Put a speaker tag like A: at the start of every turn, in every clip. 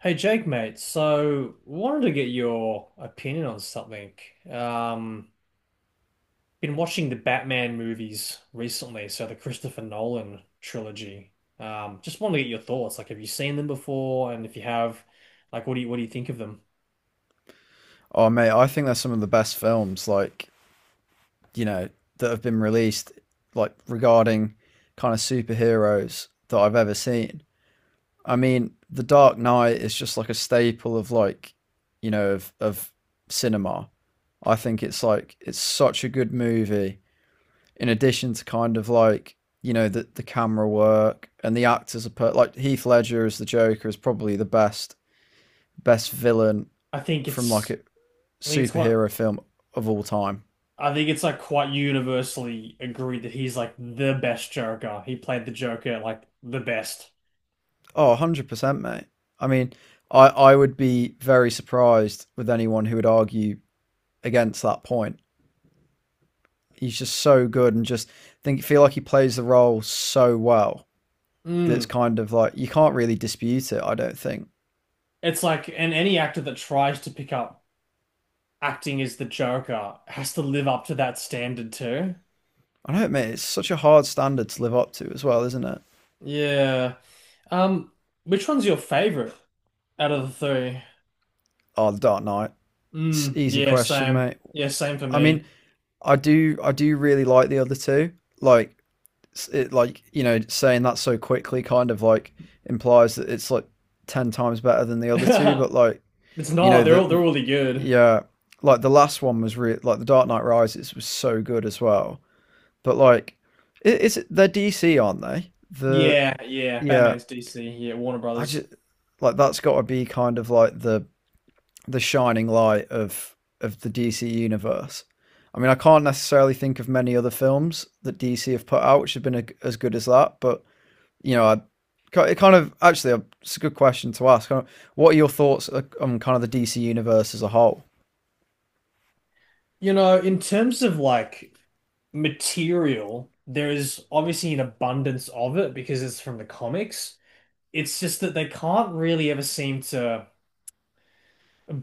A: Hey Jake, mate. So wanted to get your opinion on something. Um, been watching the Batman movies recently, so the Christopher Nolan trilogy. Just wanted to get your thoughts. Like, have you seen them before? And if you have, like, what do you think of them?
B: Oh mate, I think they're some of the best films, like you know, that have been released, like regarding kind of superheroes that I've ever seen. I mean, The Dark Knight is just like a staple of like, of cinema. I think it's like it's such a good movie. In addition to kind of like the camera work, and the actors are like Heath Ledger as the Joker is probably the best villain
A: I think
B: from like
A: it's
B: a
A: I think it's quite
B: superhero film of all time.
A: I think it's like quite universally agreed that he's like the best Joker. He played the Joker like the best.
B: Oh, 100%, mate. I mean, I would be very surprised with anyone who would argue against that point. He's just so good and just think feel like he plays the role so well that it's
A: Mm.
B: kind of like you can't really dispute it, I don't think.
A: It's like, and any actor that tries to pick up acting as the Joker has to live up to that standard too.
B: I don't know, mate, it's such a hard standard to live up to as well, isn't it?
A: Yeah. Um, which one's your favorite out of the 3?
B: Oh, the Dark Knight. It's an
A: Mm,
B: easy
A: yeah,
B: question,
A: same.
B: mate.
A: Yeah, same for
B: I mean,
A: me.
B: I do really like the other two. Like like saying that so quickly kind of like implies that it's like 10 times better than the other two, but like
A: It's
B: you
A: not.
B: know
A: They're all they're
B: the
A: really good.
B: yeah, like the last one was really like the Dark Knight Rises was so good as well, but like it's they're DC, aren't they? The
A: Yeah, yeah.
B: Yeah,
A: Batman's DC. Yeah, Warner
B: I
A: Brothers.
B: just like that's got to be kind of like the shining light of the DC universe. I mean, I can't necessarily think of many other films that DC have put out which have been as good as that, but you know, I, it kind of actually it's a good question to ask. What are your thoughts on kind of the DC universe as a whole?
A: You know, in terms of like material, there is obviously an abundance of it because it's from the comics. It's just that they can't really ever seem to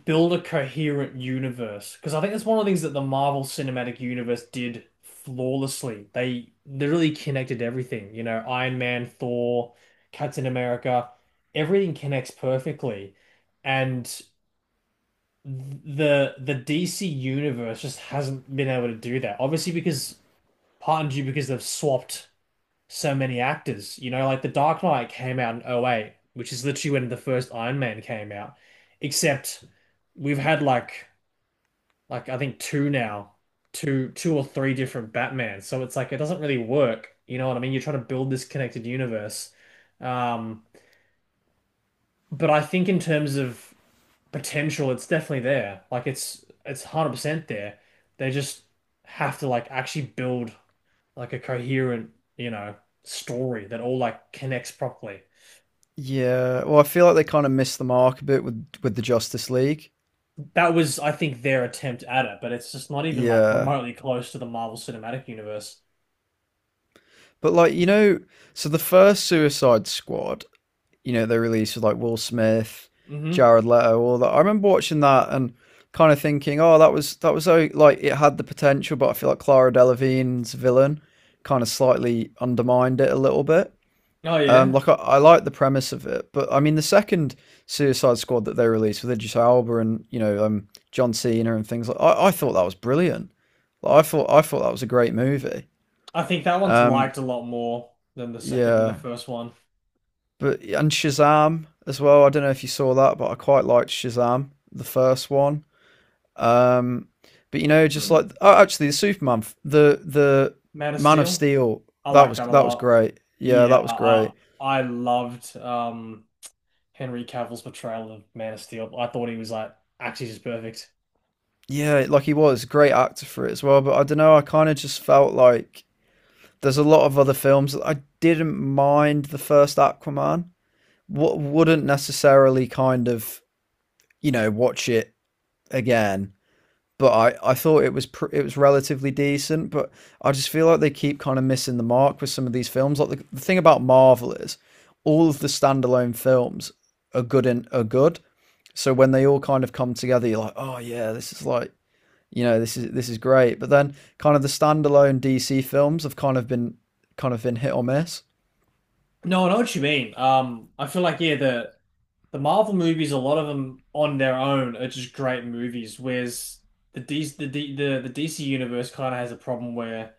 A: build a coherent universe, because I think that's one of the things that the Marvel Cinematic Universe did flawlessly. They literally connected everything, you know, Iron Man, Thor, Captain America, everything connects perfectly. And the DC universe just hasn't been able to do that. Obviously because part and due because they've swapped so many actors, you know, like The Dark Knight came out in '08, which is literally when the first Iron Man came out. Except we've had like I think two now, two or three different Batmans. So it's like it doesn't really work. You know what I mean? You're trying to build this connected universe. Um, but I think in terms of potential, it's definitely there. Like it's 100% there. They just have to like actually build like a coherent, you know, story that all like connects properly.
B: Yeah, well, I feel like they kind of missed the mark a bit with the Justice League.
A: That was, I think, their attempt at it, but it's just not even like
B: Yeah,
A: remotely close to the Marvel Cinematic Universe.
B: but like so the first Suicide Squad, they released with like Will Smith,
A: Hmm.
B: Jared Leto, all that. I remember watching that and kind of thinking, oh, that was so like it had the potential, but I feel like Clara Delevingne's villain kind of slightly undermined it a little bit.
A: Oh yeah.
B: Like I like the premise of it, but I mean the second Suicide Squad that they released with Idris Elba and John Cena and things like I thought that was brilliant. Like, I thought that was a great movie.
A: I think that one's
B: Um,
A: liked a lot more than the second, the
B: yeah,
A: first one.
B: but and Shazam as well. I don't know if you saw that, but I quite liked Shazam, the first one. Um, but
A: Mm.
B: actually the Superman, the
A: Man of
B: Man of
A: Steel,
B: Steel,
A: I like that a
B: that was
A: lot.
B: great. Yeah,
A: Yeah,
B: that was
A: I
B: great.
A: I loved Henry Cavill's portrayal of Man of Steel. I thought he was like actually just perfect.
B: Yeah, like he was a great actor for it as well. But I don't know. I kind of just felt like there's a lot of other films that I didn't mind the first Aquaman. What wouldn't necessarily kind of watch it again. But I thought it was it was relatively decent. But I just feel like they keep kind of missing the mark with some of these films. Like the thing about Marvel is all of the standalone films are good. So when they all kind of come together, you're like, oh yeah, this is like this is great, but then kind of the standalone DC films have kind of been hit or miss.
A: No, I know what you mean. I feel like yeah, the Marvel movies, a lot of them on their own are just great movies, whereas the DC universe kind of has a problem where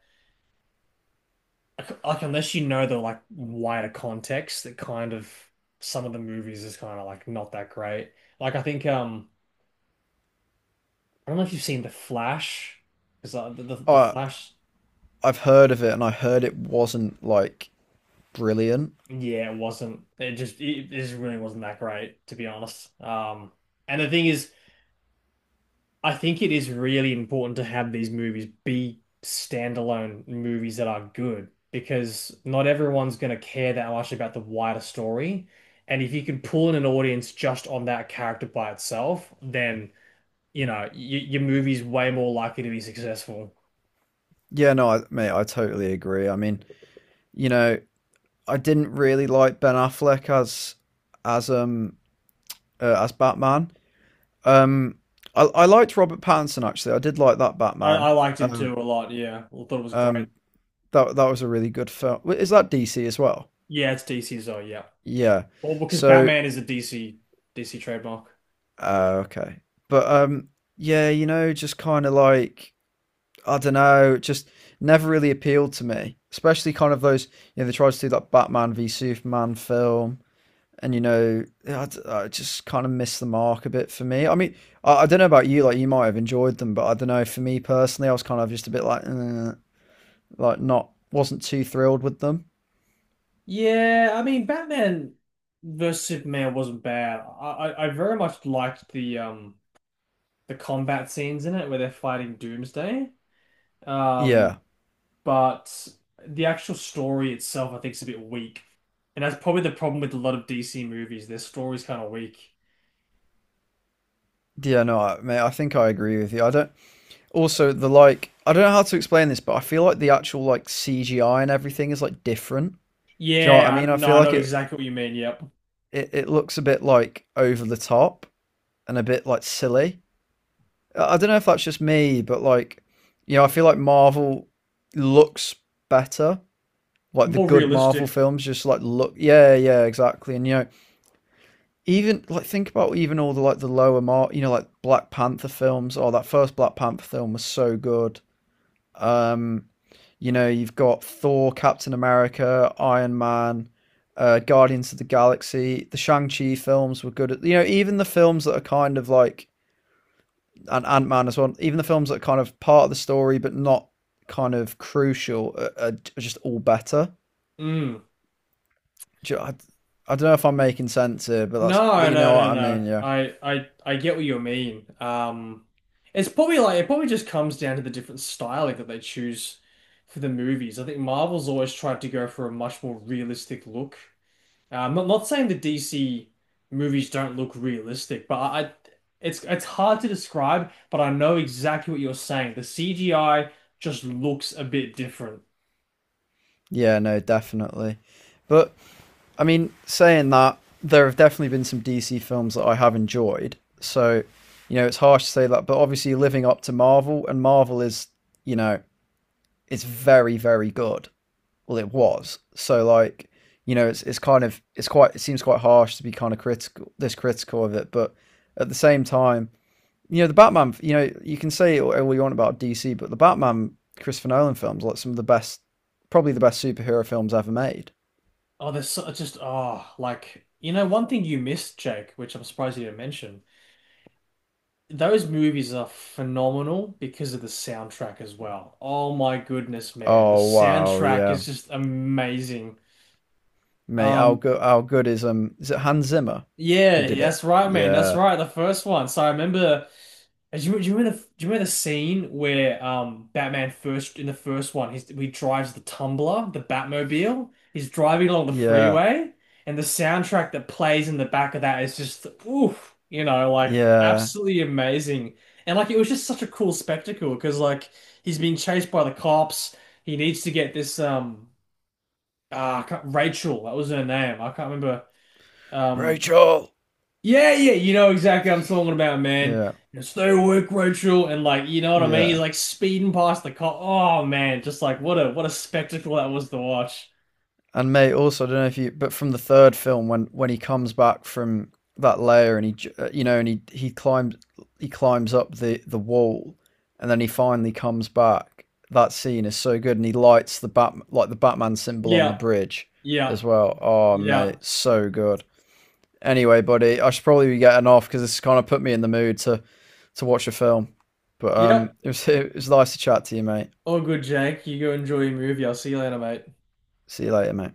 A: like unless you know the like wider context that kind of some of the movies is kind of like not that great. Like I think I don't know if you've seen The Flash because the
B: i
A: Flash,
B: i've heard of it, and I heard it wasn't like brilliant.
A: yeah, it wasn't, it just really wasn't that great, to be honest. And the thing is I think it is really important to have these movies be standalone movies that are good, because not everyone's going to care that much about the wider story. And if you can pull in an audience just on that character by itself, then, you know, y your movie's way more likely to be successful.
B: Yeah, no, mate, I totally agree. I mean, you know I didn't really like Ben Affleck as as um as Batman. um I liked Robert Pattinson. Actually, I did like that
A: I,
B: Batman.
A: I liked him too
B: um
A: a lot. Yeah. I thought it was great.
B: um that was a really good film. Is that DC as well?
A: Yeah, it's DC's though. Yeah.
B: Yeah.
A: Well, because
B: so
A: Batman is a DC trademark.
B: Oh, okay. But yeah, you know, just kind of like I don't know, just never really appealed to me. Especially kind of those, they tried to do that Batman v Superman film, and I just kind of missed the mark a bit for me. I mean, I don't know about you, like you might have enjoyed them, but I don't know. For me personally, I was kind of just a bit like, eh, like not wasn't too thrilled with them.
A: Yeah, I mean Batman versus Superman wasn't bad. I very much liked the combat scenes in it where they're fighting Doomsday. Um,
B: Yeah,
A: but the actual story itself I think is a bit weak. And that's probably the problem with a lot of DC movies. Their story's kind of weak.
B: yeah, no, mate, I think I agree with you. I don't. Also, the like I don't know how to explain this, but I feel like the actual like CGI and everything is like different. Do you know what I
A: Yeah,
B: mean? I
A: no,
B: feel
A: I
B: like
A: know exactly what you mean. Yep.
B: it looks a bit like over the top and a bit like silly. I don't know if that's just me, but like I feel like Marvel looks better. Like the
A: More
B: good Marvel
A: realistic.
B: films just like look. Yeah, yeah, exactly. And even like think about even all the like the lower mark. Like Black Panther films. Oh, that first Black Panther film was so good. Um You know, you've got Thor, Captain America, Iron Man, Guardians of the Galaxy. The Shang Chi films were good. At, even the films that are kind of like, and Ant Man as well. Even the films that are kind of part of the story but not kind of crucial are just all better.
A: Mm.
B: I don't know if I'm making sense here, but that's
A: No,
B: you
A: no,
B: know what
A: no,
B: I
A: no.
B: mean. Yeah,
A: I get what you mean. It's probably like it probably just comes down to the different styling that they choose for the movies. I think Marvel's always tried to go for a much more realistic look. I'm not saying the DC movies don't look realistic, but it's hard to describe. But I know exactly what you're saying. The CGI just looks a bit different.
B: yeah, no, definitely. But I mean, saying that, there have definitely been some DC films that I have enjoyed. So, it's harsh to say that, but obviously living up to Marvel, and Marvel is, you know, it's very, very good. Well, it was. So, like, it's quite. It seems quite harsh to be kind of critical this critical of it, but at the same time, the Batman, you can say all you want about DC, but the Batman Christopher Nolan films, like some of the best, probably the best superhero films ever made.
A: Oh, there's so, just oh, like you know, one thing you missed, Jake, which I'm surprised you didn't mention. Those movies are phenomenal because of the soundtrack as well. Oh my goodness, man. The
B: Oh wow,
A: soundtrack
B: yeah.
A: is just amazing.
B: Mate, how
A: Um,
B: good how good is it Hans Zimmer who
A: yeah,
B: did it?
A: that's right, man. That's
B: Yeah.
A: right. The first one. So I remember. And do you remember the do you remember the scene where Batman first in the first one he drives the Tumbler, the Batmobile. He's driving along the
B: Yeah.
A: freeway, and the soundtrack that plays in the back of that is just oof, you know, like
B: Yeah.
A: absolutely amazing. And like it was just such a cool spectacle because like he's being chased by the cops. He needs to get this ah Rachel, that was her name. I can't remember, um
B: Rachel.
A: yeah, yeah, you know exactly what I'm talking about, man.
B: Yeah.
A: You know, stay awake, Rachel, and like, you know what I mean? He's
B: Yeah.
A: like speeding past the car. Oh man, just like what a spectacle that was to watch.
B: And mate, also I don't know if you but from the third film when he comes back from that layer and he uh, you know and he he climbs climbs up the wall, and then he finally comes back. That scene is so good, and he lights the Batman symbol on the
A: Yeah,
B: bridge
A: yeah,
B: as well. Oh
A: yeah,
B: mate, so good. Anyway, buddy, I should probably be getting off because this kind of put me in the mood to watch a film. But
A: yep.
B: it was it was nice to chat to you, mate.
A: All good, Jake. You go enjoy your movie. I'll see you later, mate.
B: See you later, mate.